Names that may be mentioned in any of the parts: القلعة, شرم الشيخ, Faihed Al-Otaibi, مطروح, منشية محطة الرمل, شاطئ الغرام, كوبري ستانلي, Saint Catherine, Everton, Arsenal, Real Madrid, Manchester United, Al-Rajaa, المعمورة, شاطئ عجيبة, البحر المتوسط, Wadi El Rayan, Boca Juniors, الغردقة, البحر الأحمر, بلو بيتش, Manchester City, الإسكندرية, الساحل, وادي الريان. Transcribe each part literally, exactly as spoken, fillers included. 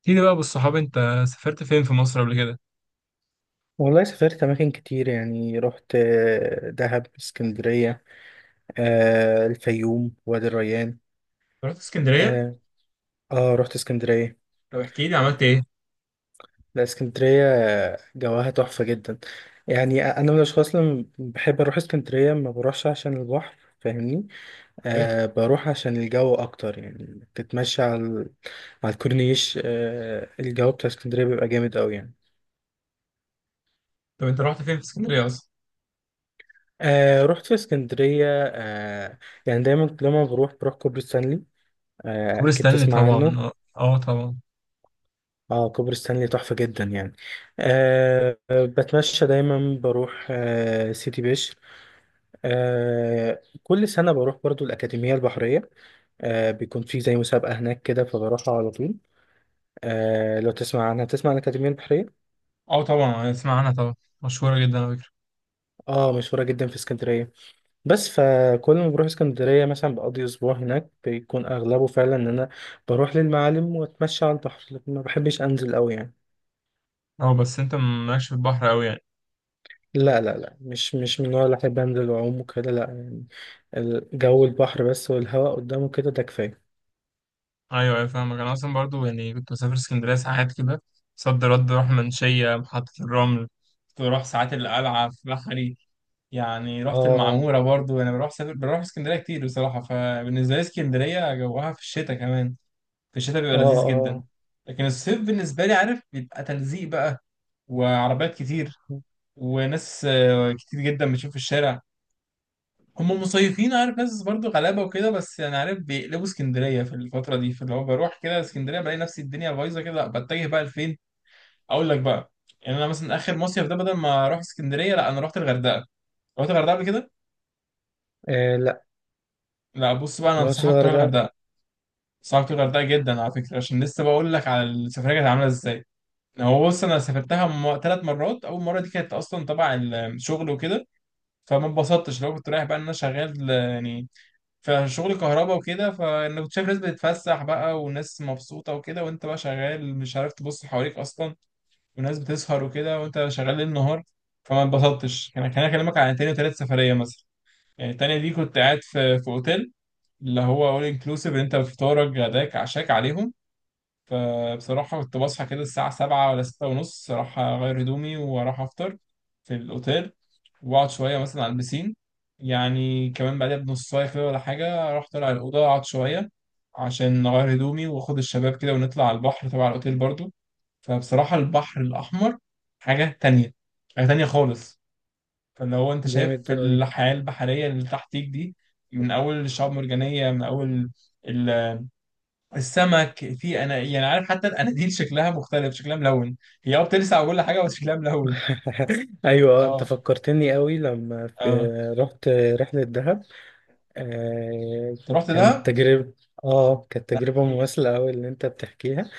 احكي لي بقى بالصحاب انت، سافرت فين في مصر قبل كده؟ والله سافرت أماكن كتير، يعني رحت آه، دهب، اسكندرية، آه، الفيوم، وادي الريان. رحت اسكندريه. اه. آه، رحت اسكندرية. طب احكي لي عملت ايه. لا، اسكندرية آه، جواها تحفة جدا. يعني أنا من الأشخاص اللي بحب أروح اسكندرية، ما بروحش عشان البحر، فاهمني؟ إيه؟ أه بروح عشان الجو أكتر، يعني تتمشى على ال- على الكورنيش. أه الجو بتاع اسكندرية بيبقى جامد أوي يعني. طب انت رحت فين في اسكندريه اصلا. أه رحت في اسكندرية، أه. يعني دايما لما بروح بروح كوبري ستانلي. آه، كوبري أكيد ستانلي تسمع طبعا، عنه. اه اه طبعا. اه كوبري ستانلي تحفة جدا يعني. أه آه، بتمشى دايما، بروح أه سيتي بشر. أه كل سنة بروح برضو الأكاديمية البحرية. أه بيكون في زي مسابقة هناك كده، فبروحها على طول. أه لو تسمع عنها، تسمع عن الأكاديمية البحرية. اه طبعا اسمع عنها طبعا، مشهورة جدا على فكرة. اه، مشهورة جدا في اسكندرية. بس فكل ما بروح اسكندرية مثلا بقضي أسبوع هناك، بيكون أغلبه فعلا إن أنا بروح للمعالم وأتمشى على البحر، لكن ما بحبش أنزل أوي يعني. اه بس انت مالكش في البحر قوي يعني. لا لا لا، مش مش من النوع اللي أحب أنزل وأعوم وكده، لا يعني. الجو البحر بس والهواء قدامه كده، ده كفاية. ايوه ايوه، فاهمك انا اصلا برضو، يعني كنت بسافر اسكندرية ساعات كده. صد رد اروح منشية محطة الرمل، كنت بروح ساعات القلعة في بحري. يعني رحت آه. المعمورة برضو، انا بروح سافر بروح اسكندرية كتير بصراحة. فبالنسبة لي اسكندرية جوها في الشتاء كمان، في الشتاء بيبقى آه. لذيذ جدا. آه. لكن الصيف بالنسبة لي عارف بيبقى تلزيق بقى، وعربيات كتير، وناس آه، كتير جدا بتشوف في الشارع. هم مصيفين عارف، ناس برضو غلابة وكده، بس يعني عارف بيقلبوا اسكندرية في الفترة دي. فاللي هو بروح كده اسكندرية بلاقي نفسي الدنيا بايظة كده، لا بتجه بقى لفين. أقول لك بقى، يعني أنا مثلا آخر مصيف ده بدل ما أروح اسكندرية لا أنا رحت الغردقة. رحت الغردقة قبل كده؟ آه. لا، لا بص بقى أنا مراتش أنصحك تروح الغردقة. الغردقة، أنصحك تروح الغردقة جدا على فكرة، عشان لسه بقول لك على السفرية كانت عاملة إزاي. هو بص انا سافرتها م... ثلاث مرات. اول مره دي كانت اصلا تبع الشغل وكده، فما اتبسطتش. لو كنت رايح بقى ان انا شغال آه، يعني في شغل كهرباء وكده، فانا كنت شايف ناس بتتفسح بقى وناس مبسوطه وكده، وانت بقى شغال مش عارف تبص حواليك اصلا، وناس بتسهر وكده وانت شغال ليل نهار. فما اتبسطتش. انا كان اكلمك عن تاني وتالت سفريه مثلا. يعني التانيه دي كنت قاعد في في اوتيل، اللي هو اول انكلوسيف، انت فطارك غداك عشاك عليهم. فبصراحة كنت بصحى كده الساعة سبعة ولا ستة ونص، أروح أغير هدومي وأروح أفطر في الأوتيل، وأقعد شوية مثلا على البسين. يعني كمان بعدها بنص ساعة كده ولا حاجة أروح طالع الأوضة، أقعد شوية عشان أغير هدومي وآخد الشباب كده، ونطلع على البحر تبع الأوتيل برضو. فبصراحة البحر الأحمر حاجة تانية، حاجة تانية خالص. فاللي هو أنت شايف جامد أوي. الحياة البحرية اللي تحتيك دي، من أول الشعاب المرجانية، من أول السمك. في انا يعني عارف حتى الاناديل شكلها مختلف، شكلها ملون. هي اه بتلسع وكل حاجه، بس شكلها ملون. ايوه، آه، انت اه فكرتني قوي لما في اه. رحت رحله دهب. آه انت رحت كانت دهب؟ تجربه. اه كانت لا تجربه احكي لي. مماثله قوي اللي انت بتحكيها.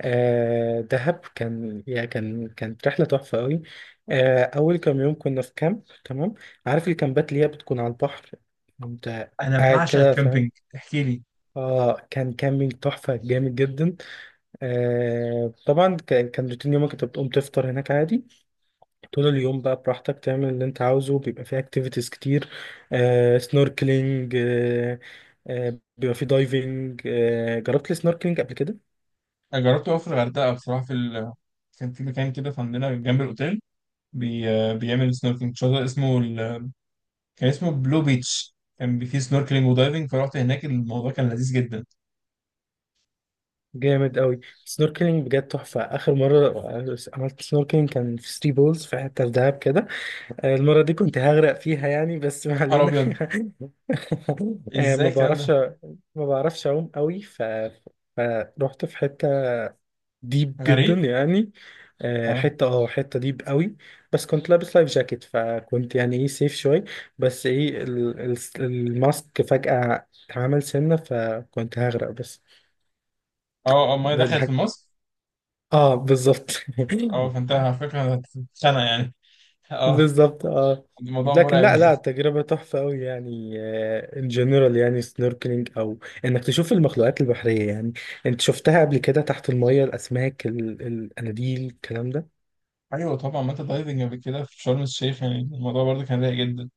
آه دهب كان يا كان، كانت رحلة تحفة قوي. آه أول كام يوم كنا في كامب، تمام. عارف الكامبات اللي هي بتكون على البحر؟ أنت انا قاعد بعشق كده، فاهم. الكامبينج. احكي لي. اه كان كامبينج تحفة جامد جدا. آه طبعا كان كان روتين يومك انت بتقوم تفطر هناك عادي. طول اليوم بقى براحتك تعمل اللي انت عاوزه، بيبقى فيه اكتيفيتيز كتير. آه سنوركلينج، آه آه بيبقى فيه دايفنج. آه جربت السنوركلينج قبل كده؟ انا جربته أوي في الغردقه بصراحه، في ال... كان في مكان كده في عندنا جنب الاوتيل بي... آه، بيعمل سنوركلينج. شاطئ اسمه ال... كان اسمه بلو بيتش. كان بي- فيه سنوركلينج ودايفنج، فرحت هناك الموضوع كان لذيذ جدا. يا جامد قوي، سنوركلينج بجد تحفة. آخر مرة عملت سنوركلينج كان في ثري بولز في حتة في دهب كده. آه، المرة دي كنت هغرق فيها يعني، بس ما نهار علينا. ابيض، آه، ازاي ما الكلام بعرفش ده! ما بعرفش أعوم قوي، ف... فروحت في حتة ديب جدا غريق. يعني. آه، اه حتة، اه حتة ديب قوي. بس كنت لابس لايف جاكيت، فكنت يعني ايه سيف شوية. بس ايه ال... ال... الماسك فجأة اتعمل سنة، فكنت هغرق بس. اه، آه، الميه دخلت في الحاجة. مصر. اه بالظبط. اه، فانت على فكره هتتخانق يعني. اه، بالظبط اه. الموضوع لكن مرعب. لا لا، التجربة تحفة أوي يعني. ان جنرال يعني، سنوركلينج أو إنك تشوف المخلوقات البحرية يعني. أنت شفتها قبل كده تحت المية، الأسماك، ال- القناديل، الكلام ده. ايوه طبعا، ما انت دايفنج قبل كده في شرم الشيخ يعني الموضوع برضه كان رايق جدا.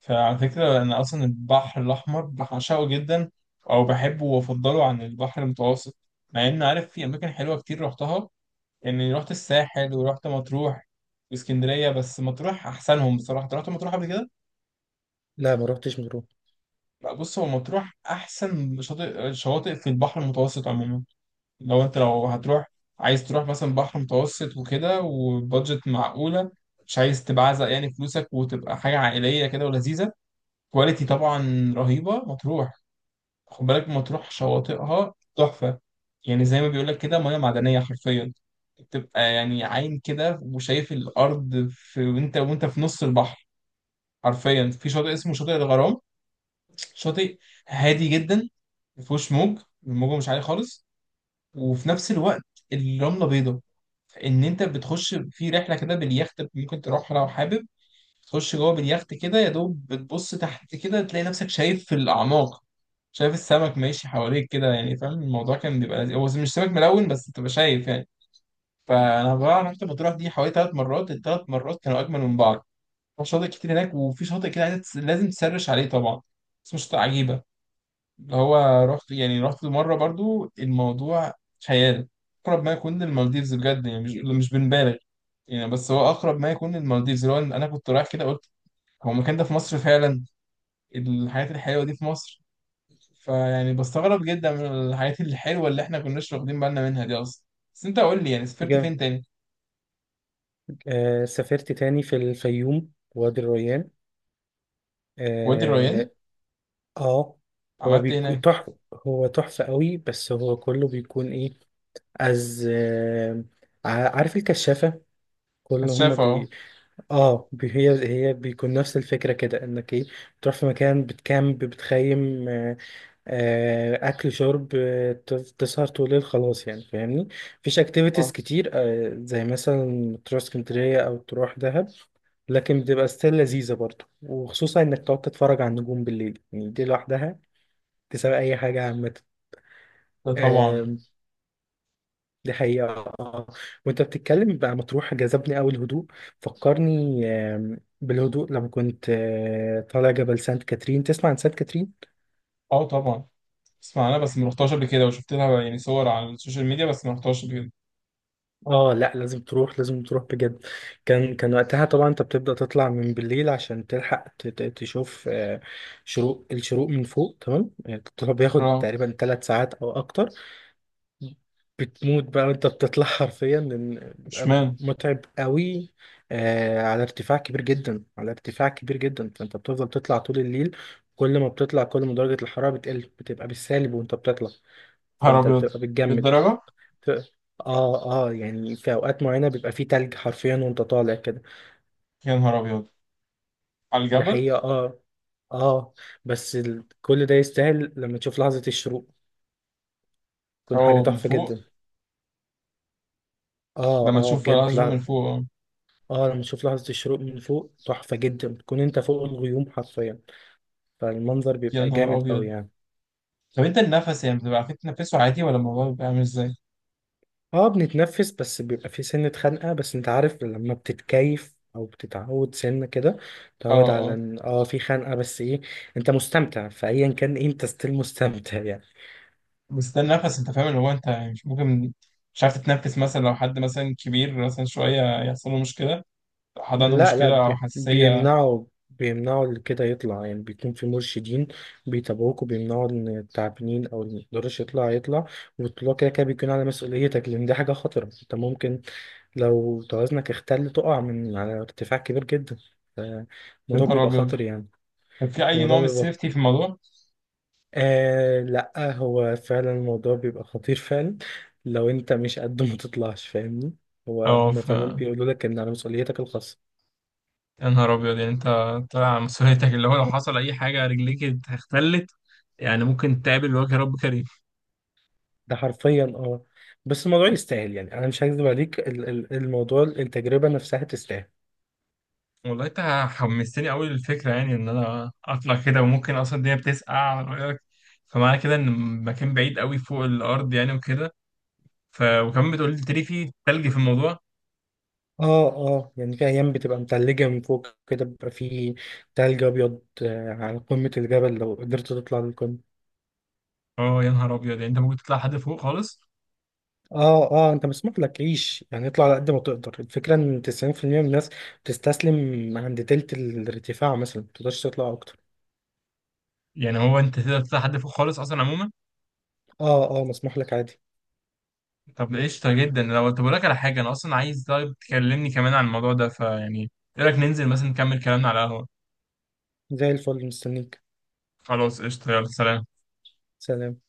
فعلى فكره انا اصلا البحر الاحمر بعشقه جدا، او بحبه وافضله عن البحر المتوسط. مع ان عارف في اماكن حلوه كتير رحتها، يعني رحت الساحل ورحت مطروح واسكندريه، بس مطروح احسنهم بصراحه. أنت رحت مطروح قبل كده؟ لا ما روحتش مطروح. لا بص، هو مطروح احسن شاطئ شواطئ في البحر المتوسط عموما. لو انت لو هتروح، عايز تروح مثلا بحر متوسط وكده وبادجت معقولة، مش عايز تبعزق يعني فلوسك، وتبقى حاجة عائلية كده ولذيذة، كواليتي طبعا رهيبة مطروح. خد بالك مطروح شواطئها تحفة، يعني زي ما بيقولك كده مياه معدنية حرفيا. بتبقى يعني عاين كده وشايف الأرض في، وانت وانت في نص البحر حرفيا. في شاطئ اسمه شاطئ الغرام، شاطئ هادي جدا مفيهوش موج، الموجة مش عالية خالص، وفي نفس الوقت الرملة بيضة. ان انت بتخش في رحله كده باليخت، ممكن تروحها لو حابب تخش جوه باليخت كده. يا دوب بتبص تحت كده تلاقي نفسك شايف في الاعماق، شايف السمك ماشي حواليك كده، يعني فاهم الموضوع كان بيبقى لذيذ. هو مش سمك ملون بس تبقى شايف يعني. فانا بقى رحت مطروح دي حوالي ثلاث مرات، الثلاث مرات كانوا اجمل من بعض. شاطئ كتير هناك، وفي شاطئ كده عايز- لازم تسرش عليه طبعا، اسمه شاطئ عجيبه. اللي هو رحت يعني رحت مرة برضو الموضوع خيال، أقرب ما يكون للمالديفز بجد يعني، مش مش بنبالغ يعني، بس هو أقرب ما يكون للمالديفز. اللي هو أنا كنت رايح كده قلت هو المكان ده في مصر فعلا؟ الحاجات الحلوة دي في مصر! فيعني بستغرب جدا من الحاجات الحلوة اللي إحنا كناش واخدين بالنا منها دي أصلا. بس أنت قول لي يعني سافرت فين جامد. تاني؟ آه سافرت تاني في الفيوم، وادي الريان. وادي الريان. آه. آه. هو عملت إيه بيكون هناك؟ تحفة، هو تحفة أوي، بس هو كله بيكون إيه، از آه ع- عارف الكشافة. كل هما كشافة أهو. بي. اه بي- هي هي بيكون نفس الفكره كده، انك ايه، بتروح في مكان، بتكامب، بتخيم. آه آه، اكل شرب، آه، ت- تسهر طول الليل، خلاص يعني، فاهمني. مفيش أه. اكتيفيتيز كتير آه زي مثلا تروح اسكندريه او تروح دهب. لكن بتبقى ستيل لذيذه برضه، وخصوصا انك تقعد تتفرج على النجوم بالليل، يعني دي لوحدها تساوي اي حاجه ده طبعا. عامه. دي حقيقة. آه. وانت بتتكلم بقى مطروح جذبني أوي الهدوء. فكرني، آم، بالهدوء لما كنت آه، طالع جبل سانت كاترين. تسمع عن سانت كاترين؟ أه طبعا اسمع، أنا بس ما رحتهاش قبل كده، وشفت لها يعني صور على السوشيال ميديا، بس ما رحتهاش قبل كده. اه لا، لازم تروح، لازم تروح بجد. كان كان وقتها طبعا انت بتبدأ تطلع من بالليل عشان تلحق ت- ت- تشوف آه، شروق الشروق من فوق، تمام. آه، الطلوع بياخد آه. تقريبا ثلاث ساعات او اكتر. بتموت بقى وانت بتطلع حرفيا، لان بيبقى اشمعنى؟ متعب قوي. آه على ارتفاع كبير جدا، على ارتفاع كبير جدا، فانت بتفضل تطلع طول الليل. كل ما بتطلع، كل ما درجة الحرارة بتقل، بتبقى بالسالب وانت بتطلع. نهار فانت ابيض! بتبقى بتجمد. بالدرجه. ف- اه اه، يعني في اوقات معينة بيبقى فيه تلج حرفيا وانت طالع كده. يا نهار ابيض على دي الجبل! حقيقة، اه. اه، بس ال... كل ده يستاهل لما تشوف لحظة الشروق، تكون حاجة اه من تحفة فوق. جدا. اه لما اه، تشوف بجد. العزو من فوق اه. اه، لما تشوف لحظة الشروق من فوق تحفة جدا، بتكون انت فوق الغيوم حرفيا. فالمنظر يا بيبقى نهار جامد قوي ابيض. يعني. طب انت النفس يعني بتبقى عارفين تنفسه عادي، ولا الموضوع بيبقى عامل ازاي؟ اه بنتنفس، بس بيبقى في سنة خنقة، بس انت عارف لما بتتكيف او بتتعود سنة كده، اه تتعود على اه. ان اه في خنقة، بس ايه، انت مستمتع، فايا كان إيه، انت ستيل مستمتع يعني. بس ده النفس انت فاهم، اللي هو انت يعني مش ممكن مش عارف تتنفس مثلا، لو حد مثلا كبير مثلا شويه يحصل له مشكله، لو حد عنده لا لا، مشكله او بي- حساسيه. بيمنعوا. بيمنعوا اللي كده يطلع، يعني بيكون في مرشدين بيتابعوك، وبيمنعوا ان التعبانين او اللي ميقدرش يطلع يطلع. والطلوع كده كده بيكون على مسؤوليتك، لان دي حاجة خطرة. انت ممكن لو توازنك اختل تقع من على ارتفاع كبير جدا. ف- يا الموضوع نهار بيبقى ابيض. خطر يعني. طب في اي الموضوع نوع من بيبقى السيفتي في الموضوع؟ آه لا، هو فعلا الموضوع بيبقى خطير فعلا. لو انت مش قد ما تطلعش، فاهمني. هو اه هم ف، فعلا بيقولوا لك ان على مسؤوليتك الخاصة. يا نهار ابيض يعني انت طالع على مسؤوليتك، اللي هو لو حصل اي حاجه رجليك اختلت، يعني ممكن تقابل وجه رب كريم. ده حرفيا، اه. بس الموضوع يستاهل، يعني انا مش هكذب عليك، ال- ال- الموضوع، التجربة نفسها تستاهل. والله انت حمستني قوي للفكره، يعني ان انا اطلع كده. وممكن اصلا الدنيا بتسقع على رايك، فمعنى كده ان المكان بعيد قوي فوق الارض يعني وكده. ف وكمان بتقول لي تري، في تلج في الموضوع؟ اه اه، يعني في ايام بتبقى متلجة من فوق كده، بيبقى في تلج ابيض آه، على قمة الجبل لو قدرت تطلع للقمة. اه، يا نهار ابيض، يعني انت ممكن تطلع حد فوق خالص؟ اه اه، انت مسموح لك تعيش يعني، اطلع على قد ما تقدر. الفكره ان تسعين في المية من الناس بتستسلم عند تلت الارتفاع مثلا، ما تقدرش تطلع اكتر. يعني هو انت تقدر تطلع حد فوق خالص اصلا عموما؟ اه اه، مسموح لك عادي. طب قشطة جدا. لو طب أقول لك على حاجة، أنا أصلا عايز طيب تكلمني كمان عن الموضوع ده. فيعني إيه رأيك ننزل مثلا نكمل كلامنا على القهوة؟ زي الفل، مستنيك. خلاص قشطة، يلا سلام. سلام.